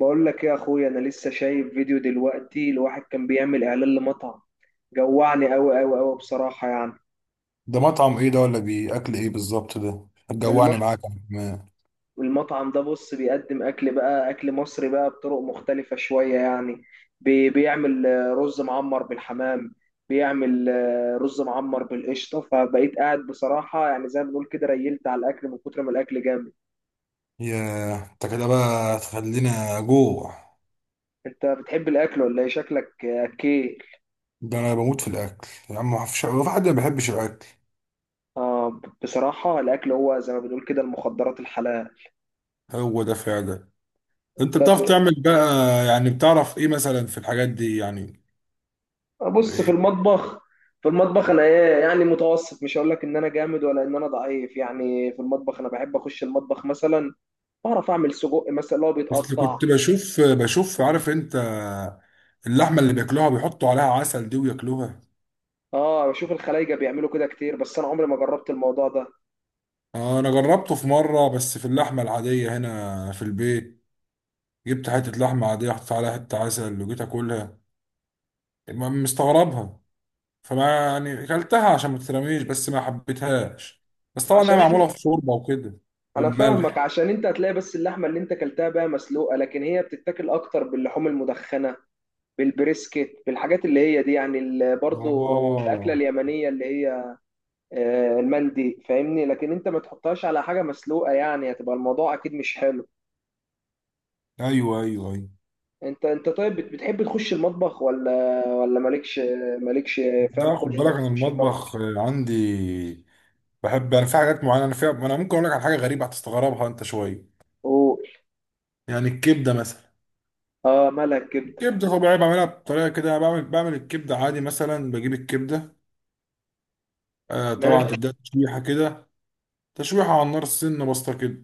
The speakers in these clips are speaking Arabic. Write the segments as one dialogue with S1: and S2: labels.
S1: بقول لك ايه يا اخويا، انا لسه شايف فيديو دلوقتي لواحد كان بيعمل اعلان لمطعم. جوعني قوي قوي قوي بصراحة يعني.
S2: ده مطعم ايه ده؟ ولا بيأكل ايه بالظبط؟ ده هتجوعني
S1: المط...
S2: معاك. يا عم.
S1: المطعم ده بص بيقدم اكل بقى، اكل مصري بقى بطرق مختلفة شوية يعني. بيعمل رز معمر بالحمام. بيعمل رز معمر بالقشطة. فبقيت قاعد بصراحة يعني، زي ما بنقول كده، ريلت على الاكل من كتر ما الاكل جامد.
S2: يا انت كده بقى تخلينا جوع.
S1: انت بتحب الاكل ولا ايه؟ شكلك اكيل.
S2: ده انا بموت في الاكل يا عم، ما فيش، هو في حد ما بيحبش الاكل؟
S1: اه، بصراحة الاكل هو زي ما بنقول كده المخدرات الحلال.
S2: هو ده فعلا. انت
S1: انت
S2: بتعرف
S1: ب...
S2: تعمل بقى؟ يعني بتعرف ايه مثلا في الحاجات دي يعني؟
S1: بص، في
S2: إيه؟
S1: المطبخ، في المطبخ انا ايه يعني، متوسط. مش هقول لك ان انا جامد ولا ان انا ضعيف يعني. في المطبخ انا بحب اخش المطبخ مثلا. بعرف اعمل سجق مثلا، اللي هو
S2: اصل
S1: بيتقطع.
S2: كنت بشوف، عارف انت اللحمه اللي بياكلوها بيحطوا عليها عسل دي وياكلوها.
S1: اه، بشوف الخلايجه بيعملوا كده كتير، بس انا عمري ما جربت الموضوع ده.
S2: انا جربته في مره، بس في اللحمه العاديه هنا في البيت. جبت حته لحمه عاديه، حطيت عليها حته عسل، وجيت اكلها. مستغربها. فما يعني اكلتها عشان ما تترميش، بس ما حبيتهاش. بس طبعا هي
S1: عشان إحنا-
S2: معموله في شوربه وكده،
S1: انا فاهمك.
S2: وملح.
S1: عشان انت هتلاقي بس اللحمه اللي انت اكلتها بقى مسلوقه، لكن هي بتتاكل اكتر باللحوم المدخنه، بالبريسكت، بالحاجات اللي هي دي يعني. برضو الاكله
S2: اه،
S1: اليمنيه اللي هي المندي، فاهمني؟ لكن انت ما تحطهاش على حاجه مسلوقه يعني، هتبقى الموضوع اكيد مش حلو.
S2: ايوه، ايوه، ايوه.
S1: انت طيب، بتحب تخش المطبخ ولا مالكش؟ مالكش
S2: لا،
S1: فاهم خلق
S2: خد بالك
S1: انك
S2: انا
S1: تخش المطبخ.
S2: المطبخ عندي. بحب انا في حاجات معينه انا فيها. انا ممكن اقول لك على حاجه غريبه هتستغربها انت شويه.
S1: قول.
S2: يعني الكبده مثلا.
S1: اه، مالها الكبده؟
S2: الكبده طبيعي بعملها بطريقه كده. أنا بعمل الكبده عادي مثلا، بجيب الكبده. طبعا
S1: ماشي.
S2: تديها تشويحه كده. تشويحه على النار سنه بسيطه كده.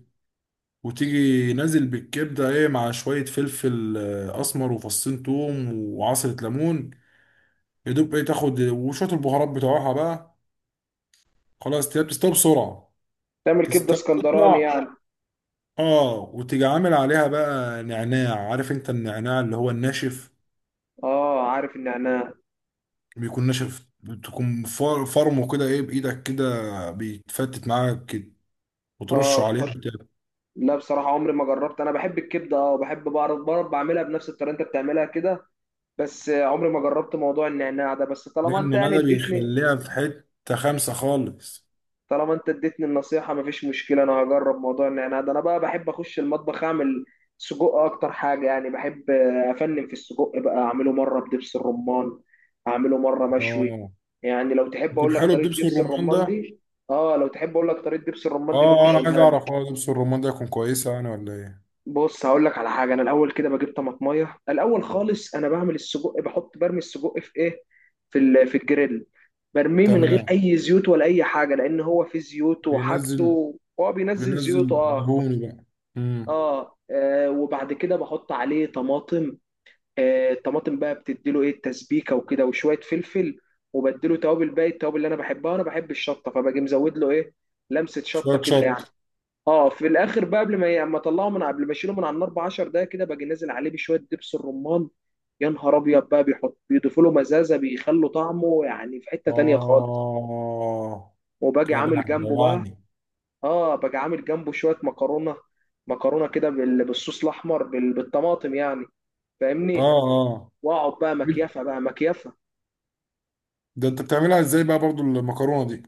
S2: وتيجي نازل بالكبدة ايه، مع شوية فلفل أسمر، وفصين توم، وعصرة ليمون. يدوب ايه تاخد وشوية البهارات بتوعها بقى. خلاص، تلاقيها بتستوي بسرعة.
S1: تعمل كبده
S2: تستوي
S1: اسكندراني
S2: تطلع.
S1: يعني.
S2: اه، وتيجي عامل عليها بقى نعناع، عارف انت النعناع اللي هو الناشف؟
S1: اه، عارف النعناع.
S2: بيكون ناشف، بتكون فرمه كده ايه بإيدك كده، بيتفتت معاك كده.
S1: اه،
S2: وترشه عليها
S1: بتحط.
S2: بتاع.
S1: لا، بصراحه عمري ما جربت. انا بحب الكبده اه، وبحب بعرف بعملها بنفس الطريقه انت بتعملها كده. بس عمري ما جربت موضوع النعناع ده. بس طالما انت
S2: لأن
S1: يعني
S2: ده
S1: اديتني،
S2: بيخليها في حتة خمسة خالص.
S1: طالما انت اديتني النصيحه، مفيش مشكله، انا هجرب موضوع النعناع ده. انا بقى بحب اخش المطبخ اعمل سجق اكتر حاجه يعني. بحب افنن في السجق بقى، اعمله مره بدبس الرمان، اعمله مره مشوي.
S2: اه،
S1: يعني لو تحب
S2: يكون
S1: اقول لك
S2: حلو
S1: طريقه
S2: بدبس
S1: دبس
S2: الرمان
S1: الرمان
S2: ده.
S1: دي. اه، لو تحب اقول لك طريقه دبس الرمان دي ممكن
S2: اه، انا عايز
S1: اقولها
S2: اعرف،
S1: لك.
S2: لبس الرمان ده يكون كويسه يعني ولا ايه؟
S1: بص، هقول لك على حاجه. انا الاول كده بجيب طماطميه الاول خالص. انا بعمل السجق، بحط برمي السجق في ايه، في في الجريل. برميه من غير
S2: تمام.
S1: اي زيوت ولا اي حاجه، لان هو في زيوت
S2: بينزل.
S1: وحاجته، هو بينزل زيوته
S2: بينزل
S1: اه.
S2: دهون بقى. امم.
S1: اه, وبعد كده بحط عليه طماطم. آه، الطماطم بقى بتديله ايه، التسبيكه وكده وشويه فلفل، وبديله توابل باقي التوابل اللي انا بحبها. انا بحب الشطه، فباجي مزود له ايه، لمسه
S2: شويه
S1: شطه كده
S2: شط.
S1: يعني. اه، في الاخر بقى، قبل ما ي- اما اطلعه، من قبل ما اشيله من على النار ب 10 دقايق كده، باجي نازل عليه بشويه دبس الرمان. يا نهار ابيض بقى، بيضيفوا له مزازه، بيخلوا طعمه يعني في حته تانية خالص.
S2: اه،
S1: وباجي
S2: كده بقى
S1: عامل جنبه بقى.
S2: جوعني.
S1: اه، باجي عامل جنبه شويه مكرونه. مكرونه كده بالصوص الاحمر، بالطماطم يعني،
S2: اه،
S1: فاهمني.
S2: اه.
S1: واقعد بقى مكيفه بقى مكيفه.
S2: ده انت بتعملها ازاي بقى برضو المكرونه دي؟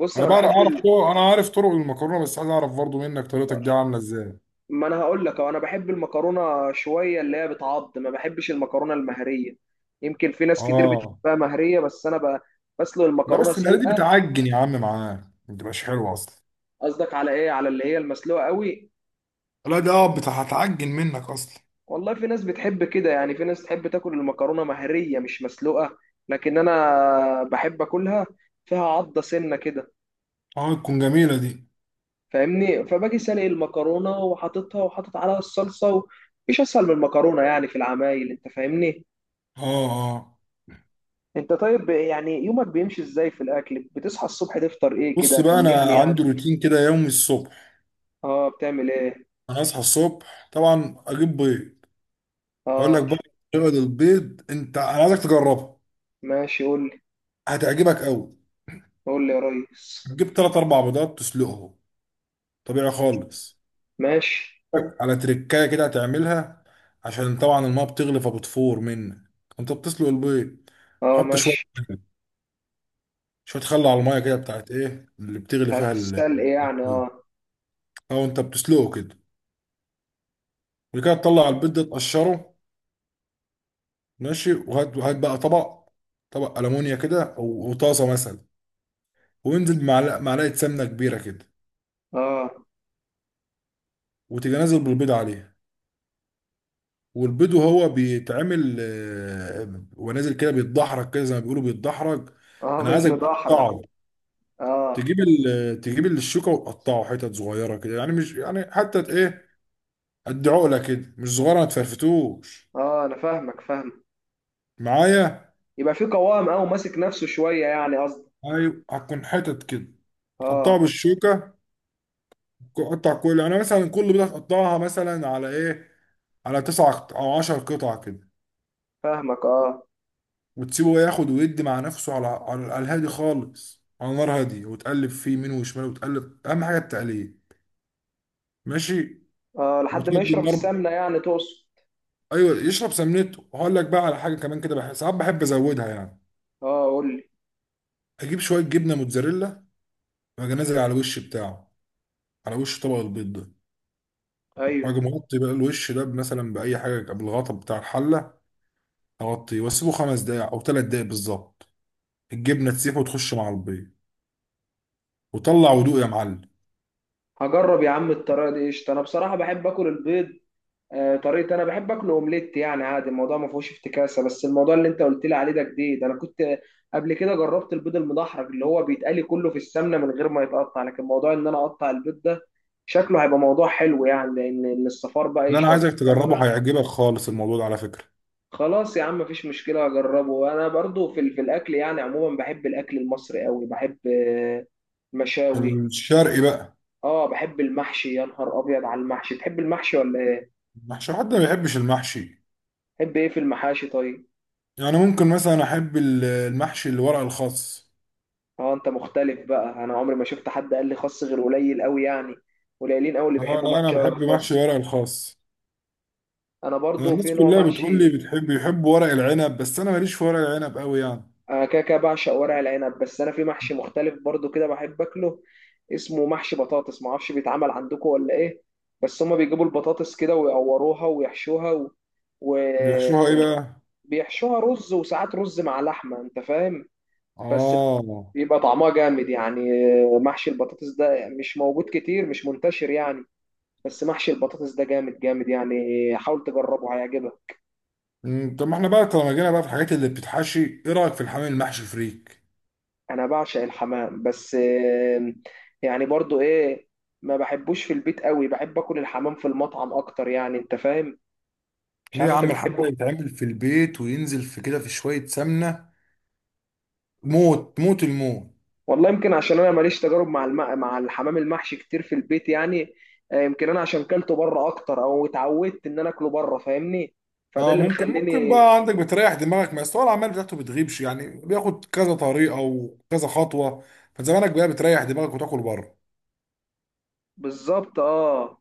S1: بص،
S2: انا
S1: انا
S2: اعرف
S1: بحب.
S2: طرق، انا عارف طرق المكرونه، بس عايز اعرف برضو منك طريقتك دي عامله ازاي.
S1: ما انا هقول لك انا بحب المكرونه شويه اللي هي بتعض، ما بحبش المكرونه المهريه. يمكن في ناس كتير
S2: اه،
S1: بتحبها مهريه، بس انا بسلق
S2: لا،
S1: المكرونه
S2: بس المره دي
S1: سلقه.
S2: بتعجن يا عم معاك. ما بتبقاش حلوه اصلا.
S1: قصدك على ايه، على اللي هي المسلوقه قوي؟
S2: لا، ده هتعجن منك اصلا.
S1: والله في ناس بتحب كده يعني، في ناس تحب تاكل المكرونه مهريه مش مسلوقه، لكن انا بحب اكلها فيها عضه سنه كده،
S2: اه، تكون جميله دي.
S1: فاهمني. فباجي سلق المكرونه وحاططها وحاطط عليها الصلصه، و... مش اسهل من المكرونه يعني في العمايل، انت فاهمني.
S2: اه، اه.
S1: انت طيب، يعني يومك بيمشي ازاي في الاكل؟ بتصحى الصبح تفطر ايه
S2: بص
S1: كده،
S2: بقى، انا
S1: كلمني يعني.
S2: عندي روتين كده يومي الصبح.
S1: اه، بتعمل ايه.
S2: انا اصحى الصبح طبعا، اجيب بيض. هقول لك
S1: اه،
S2: بقى طريقه البيض. انت انا عايزك تجربها.
S1: ماشي قول لي.
S2: هتعجبك قوي.
S1: قول لي يا ريس.
S2: تجيب 3 4 بيضات، تسلقهم. طبيعي خالص.
S1: ماشي.
S2: على تركايه كده هتعملها. عشان طبعا الماء بتغلي فبتفور منك. انت بتسلق البيض.
S1: اه
S2: تحط شويه،
S1: ماشي.
S2: شويه خل على الميه كده بتاعت ايه اللي بتغلي
S1: بتاعت
S2: فيها البيض.
S1: السلق يعني، اه.
S2: او انت بتسلقه كده. وبعد كده تطلع البيض ده تقشره. ماشي. وهات وهات بقى طبق. ألمونيا كده، أو وطاسة مثلا. وانزل بمعلقة سمنة كبيرة كده.
S1: اه.
S2: وتيجي نازل بالبيض عليها. والبيض وهو بيتعمل، ونازل كده بيتدحرج كده، زي ما بيقولوا بيتدحرج.
S1: اه
S2: أنا
S1: بطن
S2: عايزك
S1: ضحرة.
S2: تقطعه.
S1: اه.
S2: تجيب الشوكة وتقطعه حتت صغيرة كده، يعني مش يعني حتى إيه. قد عقلة كده، مش صغيرة، ما تفرفتوش
S1: اه انا فاهمك، فاهم.
S2: معايا.
S1: يبقى في قوام او ماسك نفسه شوية يعني، قصدي.
S2: أيوة، هتكون حتت كده. هتقطعه
S1: اه
S2: بالشوكة. قطع كل يعني مثلا كل بيضة هتقطعها مثلا على إيه، على تسع او عشر قطع كده.
S1: فاهمك. اه،
S2: وتسيبه ياخد ويدي مع نفسه، على الهادي خالص، على نار هادية، وتقلب فيه يمين وشمال، وتقلب اهم حاجه التقليب. ماشي.
S1: اه لحد ما
S2: وتهدي
S1: يشرب
S2: النار.
S1: السمنة يعني تقصد.
S2: ايوه، يشرب سمنته، وهقول لك بقى على حاجه كمان كده، بحس ساعات بحب ازودها يعني.
S1: اه قول لي.
S2: اجيب شويه جبنه موتزاريلا. واجي نازل على الوش بتاعه، على وش طبق البيض ده.
S1: ايوه.
S2: واجي مغطي بقى الوش ده، مثلا باي حاجه، بالغطا بتاع الحله. اغطيه واسيبه 5 دقايق او 3 دقايق بالظبط. الجبنه تسيح وتخش مع البيض. وطلع ودوق يا معلم.
S1: هجرب يا عم الطريقة دي، قشطة. انا بصراحة بحب اكل البيض. طريقة أنا بحب أكله أومليت يعني، عادي الموضوع ما فيهوش افتكاسة. بس الموضوع اللي أنت قلت لي عليه ده جديد. أنا كنت قبل كده جربت البيض المدحرج اللي هو بيتقلي كله في السمنة من غير ما يتقطع، لكن موضوع إن أنا أقطع البيض ده شكله هيبقى موضوع حلو يعني، لأن إن الصفار بقى
S2: اللي انا
S1: يشرب
S2: عايزك
S1: السمنة.
S2: تجربه هيعجبك خالص، الموضوع ده على فكرة.
S1: خلاص يا عم مفيش مشكلة، أجربه. أنا برضو في الأكل يعني عموما بحب الأكل المصري أوي. بحب المشاوي.
S2: الشرقي بقى.
S1: أه بحب المحشي. يا نهار أبيض على المحشي. تحب المحشي ولا إيه؟
S2: محشي، حد ما بيحبش المحشي؟
S1: تحب إيه في المحاشي طيب؟
S2: يعني ممكن مثلا احب المحشي اللي ورق الخاص.
S1: اه انت مختلف بقى. انا عمري ما شفت حد قال لي خس، غير قليل قوي يعني، قليلين قوي اللي
S2: اه،
S1: بيحبوا
S2: لا، انا
S1: محشي ورق
S2: بحب محشي
S1: الخاص.
S2: ورق الخاص.
S1: انا
S2: أنا
S1: برضو
S2: الناس
S1: في نوع
S2: كلها بتقول لي
S1: محشي.
S2: بيحب ورق العنب، بس انا ماليش في ورق العنب قوي يعني.
S1: انا كده كده بعشق ورق العنب، بس انا في محشي مختلف برضو كده بحب اكله، اسمه محشي بطاطس. ما اعرفش بيتعمل عندكم ولا ايه. بس هما بيجيبوا البطاطس كده ويقوروها ويحشوها و...
S2: بيحشوها ايه بقى؟
S1: وبيحشوها رز، وساعات رز مع لحمة، انت فاهم. بس
S2: اه.
S1: بيبقى طعمها جامد يعني. محشي البطاطس ده مش موجود كتير، مش منتشر يعني. بس محشي البطاطس ده جامد جامد يعني، حاول تجربه هيعجبك.
S2: طب ما احنا بقى طالما جينا بقى في الحاجات اللي بتتحشي، ايه رايك في الحمام المحشي فريك؟
S1: انا بعشق الحمام، بس يعني برضو ايه، ما بحبوش في البيت قوي. بحب اكل الحمام في المطعم اكتر يعني، انت فاهم. مش
S2: ليه يا
S1: عارف انت
S2: عم؟ الحمام ده
S1: بتحبه.
S2: يتعمل في البيت، وينزل في كده في شوية سمنة. موت موت الموت.
S1: والله يمكن عشان انا ماليش تجارب مع مع الحمام المحشي كتير في البيت يعني. يمكن انا عشان كلته بره اكتر، او اتعودت ان انا اكله بره، فاهمني. فده
S2: اه،
S1: اللي
S2: ممكن
S1: مخليني.
S2: بقى عندك بتريح دماغك، ما أصل هو العمال بتاعته بتغيبش يعني، بياخد كذا طريقه وكذا خطوه. فزمانك بقى بتريح دماغك وتاكل بره.
S1: بالظبط اه.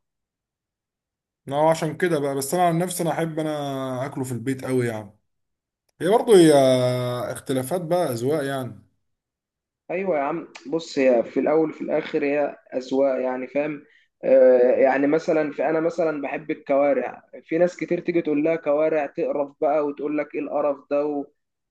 S2: اه، عشان كده بقى، بس انا عن نفسي انا احب انا اكله في البيت قوي يعني. هي برضه هي اختلافات بقى، اذواق يعني.
S1: ايوه يا عم. بص، هي في الاول وفي الاخر هي اذواق يعني، فاهم. آه يعني مثلا، في انا مثلا بحب الكوارع، في ناس كتير تيجي تقول لها كوارع تقرف بقى، وتقول لك ايه القرف ده و...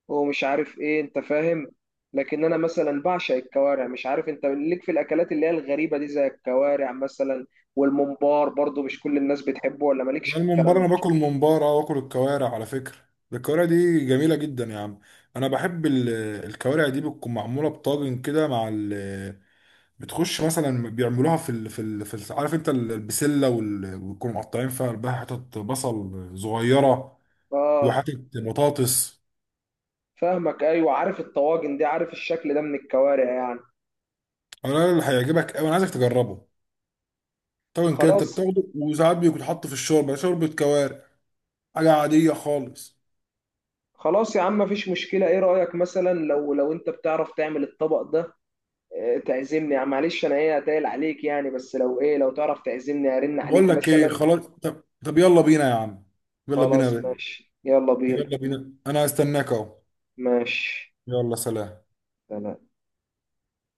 S1: ومش عارف ايه، انت فاهم. لكن انا مثلا بعشق الكوارع. مش عارف انت ليك في الاكلات اللي هي الغريبه دي زي الكوارع مثلا، والممبار. برضو مش كل الناس بتحبه، ولا مالكش
S2: يعني
S1: في
S2: الممبار،
S1: الكلام
S2: انا
S1: ده؟
S2: باكل ممبار، اه، واكل الكوارع على فكره. ده الكوارع دي جميله جدا يا عم. انا بحب الكوارع دي بتكون معموله بطاجن كده، مع ال بتخش مثلا، بيعملوها عارف انت البسله ويكونوا مقطعين فيها قلبها حتت بصل صغيره.
S1: اه
S2: وحتت بطاطس.
S1: فاهمك. ايوه عارف الطواجن دي، عارف الشكل ده من الكوارع يعني.
S2: انا اللي هيعجبك قوي، انا عايزك تجربه. طبعا كده انت
S1: خلاص.
S2: بتاخده، وساعات بيكون حاطه في الشوربه، شوربه كوارع. حاجه عاديه خالص.
S1: خلاص يا عم مفيش مشكلة. ايه رأيك مثلا، لو لو انت بتعرف تعمل الطبق ده تعزمني يعني، معلش انا ايه هتقل عليك يعني، بس لو ايه، لو تعرف تعزمني ارن
S2: بقول
S1: عليك
S2: لك ايه؟
S1: مثلا.
S2: خلاص. طب يلا بينا يا عم. يلا بينا يا
S1: خلاص
S2: بيه.
S1: ماشي يلا بينا.
S2: يلا بينا، انا هستناك اهو.
S1: ماشي.
S2: يلا، سلام.
S1: سلام.